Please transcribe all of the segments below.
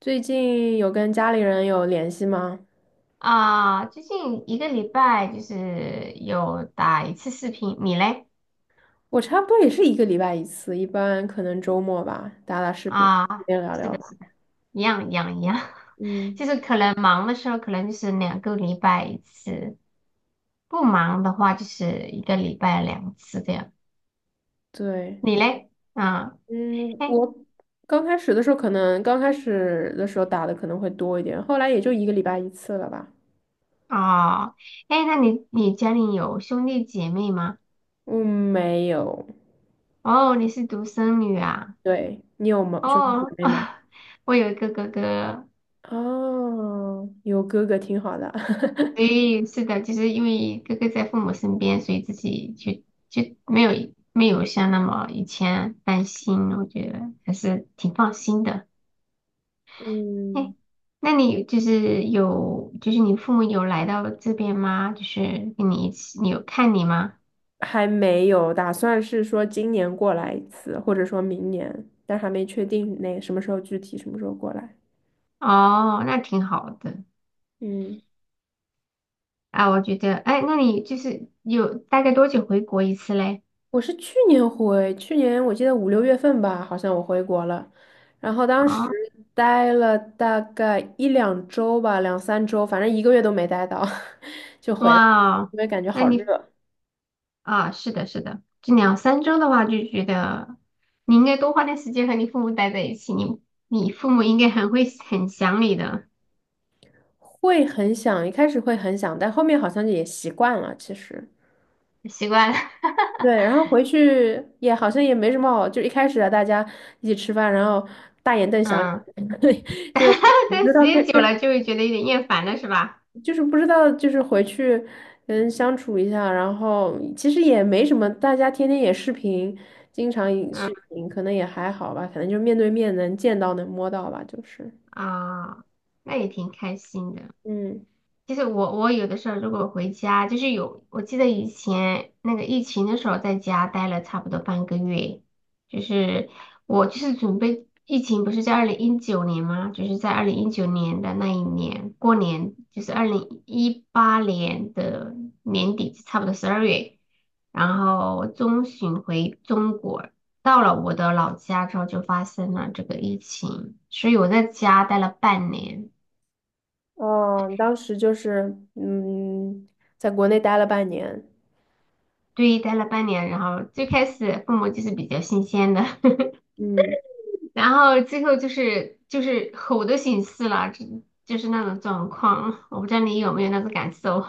最近有跟家里人有联系吗？啊，最近一个礼拜就是有打一次视频，你嘞？我差不多也是一个礼拜一次，一般可能周末吧，打打视频，啊，边聊是聊的，吧。是的，一样一样一样，就嗯，是可能忙的时候可能就是两个礼拜一次，不忙的话就是一个礼拜两次这样。对，你嘞？啊，嗯，哎，我刚开始的时候打的可能会多一点，后来也就一个礼拜一次了吧。哦，哎，那你家里有兄弟姐妹吗？嗯，没有。哦，你是独生女啊？对，你有吗？兄弟姐哦，妹吗？我有一个哥哥哦，有哥哥挺好的。所 以是的，就是因为哥哥在父母身边，所以自己就没有像那么以前担心，我觉得还是挺放心的。嗯。哎，那你就是有就是你父母有来到这边吗？就是跟你一起，你有看你吗？还没有，打算是说今年过来一次，或者说明年，但还没确定那什么时候具体什么时候过来。哦，那挺好的嗯，啊，我觉得，哎，那你就是有大概多久回国一次嘞？我是去年我记得5、6月份吧，好像我回国了，然后当时哦，待了大概1-2周吧，2-3周，反正一个月都没待到，就回来，哇哦因为感觉那好你热。啊，是的，是的，这两三周的话，就觉得你应该多花点时间和你父母待在一起，你父母应该很会很想你的，会很想，一开始会很想，但后面好像也习惯了，其实。习惯了，对，然后回去也好像也没什么好，就一开始啊，大家一起吃饭，然后大眼瞪小眼，嗯，对，就 不但知时道该间该，久了就会觉得有点厌烦了，是吧？就是不知道就是回去相处一下，然后其实也没什么，大家天天也视频，经常也嗯视频，可能也还好吧，可能就面对面能见到能摸到吧，就是。啊，那也挺开心的。嗯其实我有的时候如果回家，就是有，我记得以前那个疫情的时候，在家待了差不多半个月，就是我就是准备疫情不是在二零一九年吗？就是在二零一九年的那一年过年，就是2018年的年底，差不多12月，然后中旬回中国，到了我的老家之后就发生了这个疫情，所以我在家待了半年。哦，你当时就是在国内待了半年，对，待了半年，然后最开始父母就是比较新鲜的，嗯。然后最后就是吼的形式了，就是那种状况，我不知道你有没有那种感受，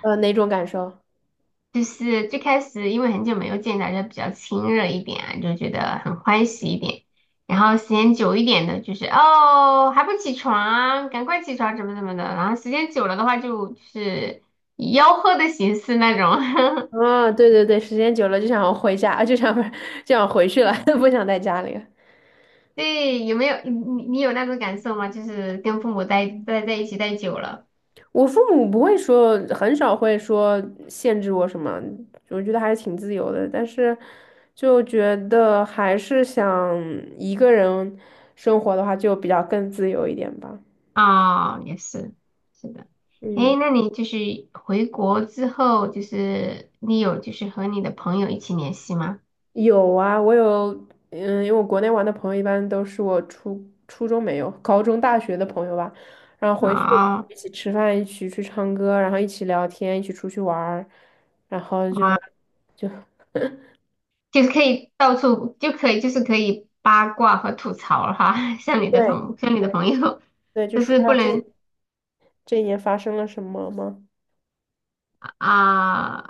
哪种感受？就是最开始因为很久没有见，大家比较亲热一点啊，就觉得很欢喜一点，然后时间久一点的，就是哦还不起床，赶快起床，怎么怎么的，然后时间久了的话就是吆喝的形式那种，啊，对对对，时间久了就想回家，啊就想 不就想回去了，不想在家里了。对，有没有你有那种感受吗？就是跟父母待在一起待久了我父母不会说，很少会说限制我什么，我觉得还是挺自由的。但是就觉得还是想一个人生活的话，就比较更自由一点吧。啊，也是，是的。嗯。诶，那你就是回国之后，就是你有就是和你的朋友一起联系吗？有啊，我有，嗯，因为我国内玩的朋友一般都是我初中没有，高中、大学的朋友吧，然后回去啊一起吃饭，一起去唱歌，然后一起聊天，一起出去玩儿，然后就哇，就就是可以到处就可以就是可以八卦和吐槽了哈，像你的对同像你的对朋友，对，就但说是一不下这能这一年发生了什么吗？啊、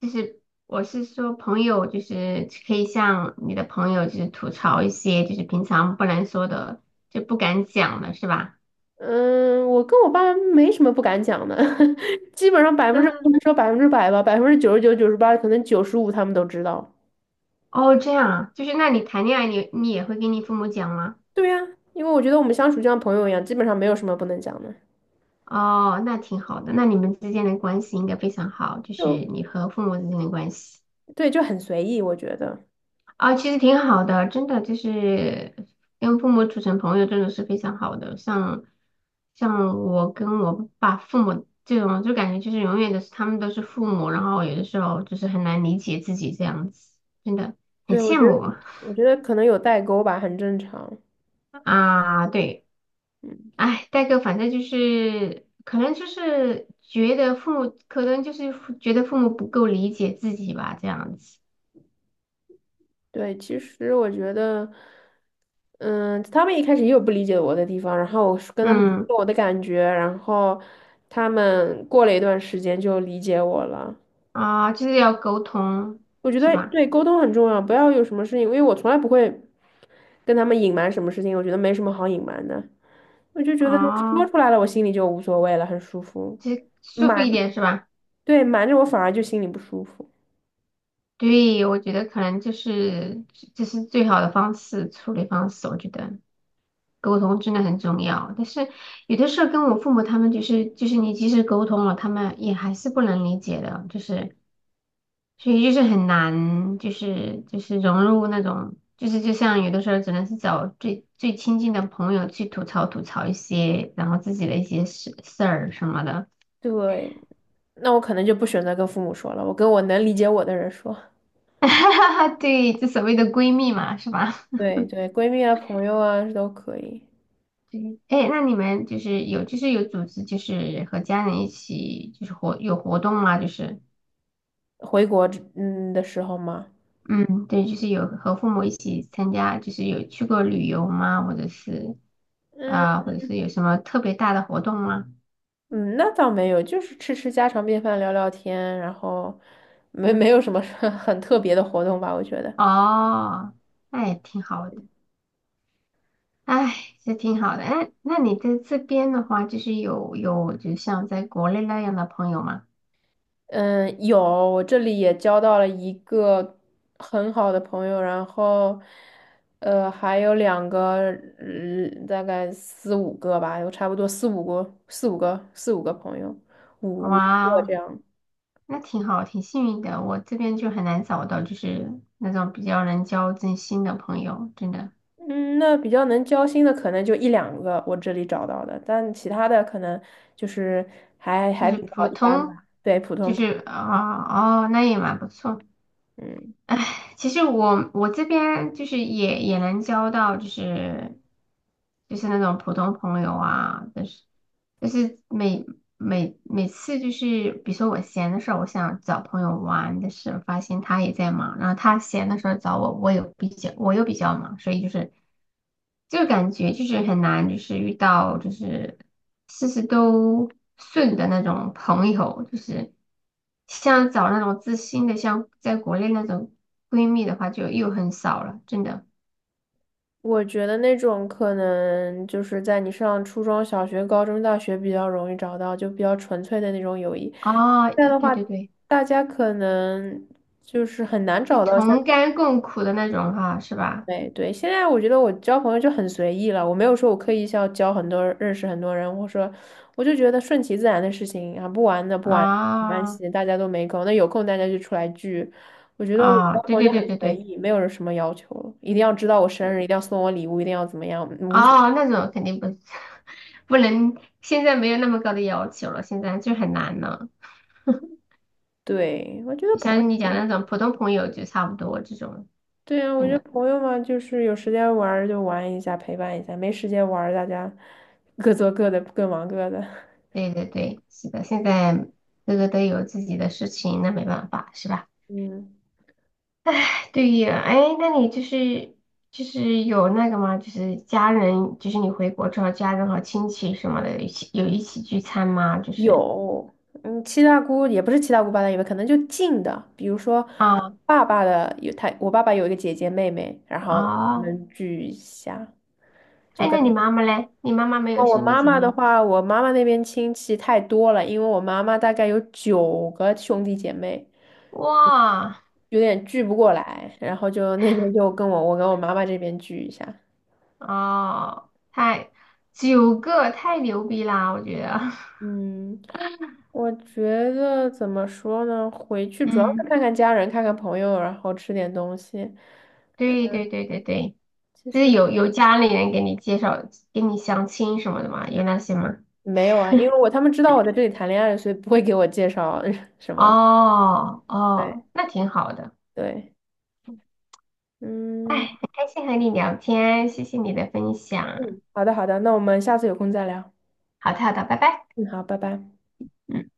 就是我是说朋友，就是可以向你的朋友就是吐槽一些就是平常不能说的，就不敢讲了，是吧？嗯，我跟我爸没什么不敢讲的，基本上百分之不能嗯，说100%吧，99%、98，可能95他们都知道。哦，这样啊，就是那你谈恋爱你也会跟你父母讲吗？对呀，因为我觉得我们相处就像朋友一样，基本上没有什么不能讲的。哦，那挺好的，那你们之间的关系应该非常好，就是就你和父母之间的关系。对，就很随意，我觉得，啊，其实挺好的，真的就是跟父母处成朋友，真的是非常好的。像我跟我爸父母这种，就感觉就是永远都是他们都是父母，然后有的时候就是很难理解自己这样子，真的很对，我羡觉得，慕我觉得可能有代沟吧，很正常。啊。对，嗯，哎，代哥，反正就是可能就是觉得父母，可能就是觉得父母不够理解自己吧，这样子。对，其实我觉得，嗯，他们一开始也有不理解我的地方，然后我是跟他们嗯说我的感觉，然后他们过了一段时间就理解我了。啊，就是要沟通，我觉是得吧？对沟通很重要，不要有什么事情，因为我从来不会跟他们隐瞒什么事情，我觉得没什么好隐瞒的，我就觉得说啊。出来了，我心里就无所谓了，很舒服。这舒服瞒，一点是吧？对，瞒着我反而就心里不舒服。对，我觉得可能就是这是最好的方式，处理方式。我觉得沟通真的很重要，但是有的时候跟我父母他们就是你即使沟通了，他们也还是不能理解的，就是所以就是很难，就是融入那种，就是就像有的时候只能是找最最亲近的朋友去吐槽吐槽一些，然后自己的一些事事儿什么的。对。那我可能就不选择跟父母说了，我跟我能理解我的人说。对，就所谓的闺蜜嘛，是吧？对对，闺蜜啊、朋友啊都可以。对，哎，那你们就是有，就是有组织，就是和家人一起，就是有活动吗？就是，回国之的时候嘛，嗯，对，就是有和父母一起参加，就是有去过旅游吗？或者是，嗯啊、或者是有什么特别大的活动吗？嗯，那倒没有，就是吃吃家常便饭，聊聊天，然后没有什么 很特别的活动吧，我觉得。哦，那也挺好的，哎，这挺好的。哎，那你在这边的话，就是有，就像在国内那样的朋友吗？嗯，有，我这里也交到了一个很好的朋友，然后，还有两个，大概四五个吧，有差不多四五个朋友，五六哇个哦这样。那挺好，挺幸运的。我这边就很难找到，就是那种比较能交真心的朋友，真的嗯，那比较能交心的可能就1-2个，我这里找到的，但其他的可能就是还就还是比较普一般通，吧，对，普就通朋友。是啊哦，那也蛮不错。嗯。唉，其实我这边就是也能交到，就是就是那种普通朋友啊，但是。就是每次就是，比如说我闲的时候，我想找朋友玩的时候，但是我发现他也在忙，然后他闲的时候找我，我有比较，我又比较忙，所以就是就感觉就是很难，就是遇到就是事事都顺的那种朋友，就是像找那种知心的，像在国内那种闺蜜的话，就又很少了，真的。我觉得那种可能就是在你上初中小学、高中、大学比较容易找到，就比较纯粹的那种友谊。哦，这样的对话，对对，大家可能就是很难就找到像。同甘共苦的那种哈，是吧？对对。现在我觉得我交朋友就很随意了，我没有说我刻意要交很多人认识很多人，或者说我就觉得顺其自然的事情啊，不玩的不玩没关啊。系，大家都没空，那有空大家就出来聚。我觉得我啊，交对朋友对就对很对随对，意，没有什么要求一定要知道我生日，一定要送我礼物，一定要怎么样，无所。哦，那种肯定不 不能，现在没有那么高的要求了，现在就很难了。对，我觉得朋像你友，讲那种普通朋友就差不多这种，对啊，我真觉得的，朋友嘛，就是有时间玩儿就玩一下，陪伴一下；没时间玩儿大家 各做各的，各忙各的。对对对，是的，现在各个都有自己的事情，那没办法，是吧？嗯，对呀，哎，那你就是就是有那个吗？就是家人，就是你回国之后，家人和亲戚什么的，有一起聚餐吗？就 是有，嗯，七大姑也不是七大姑八大姨吧，可能就近的，比如说我啊爸爸的有他，我爸爸有一个姐姐妹妹，然后我哦，们聚一下，就哎，跟。那你哦，妈妈嘞？你妈妈没有我兄弟妈姐妈妹的吗话，我妈妈那边亲戚太多了，因为我妈妈大概有9个兄弟姐妹。哇，有点聚不过来，然后就那边就我跟我妈妈这边聚一下。哦，太九个太牛逼啦，我觉得。嗯，我觉得怎么说呢？回去 主要嗯，是看看家人，看看朋友，然后吃点东西。对对对对对，其就是实有家里人给你介绍，给你相亲什么的嘛，有那些吗？没有啊，因为他们知道我在这里谈恋爱，所以不会给我介绍 什么。哦对哦，那挺好的。对，哎，嗯很开心和你聊天，谢谢你的分享。嗯，好的好的，那我们下次有空再聊。好的好的，拜拜。嗯，好，拜拜。嗯。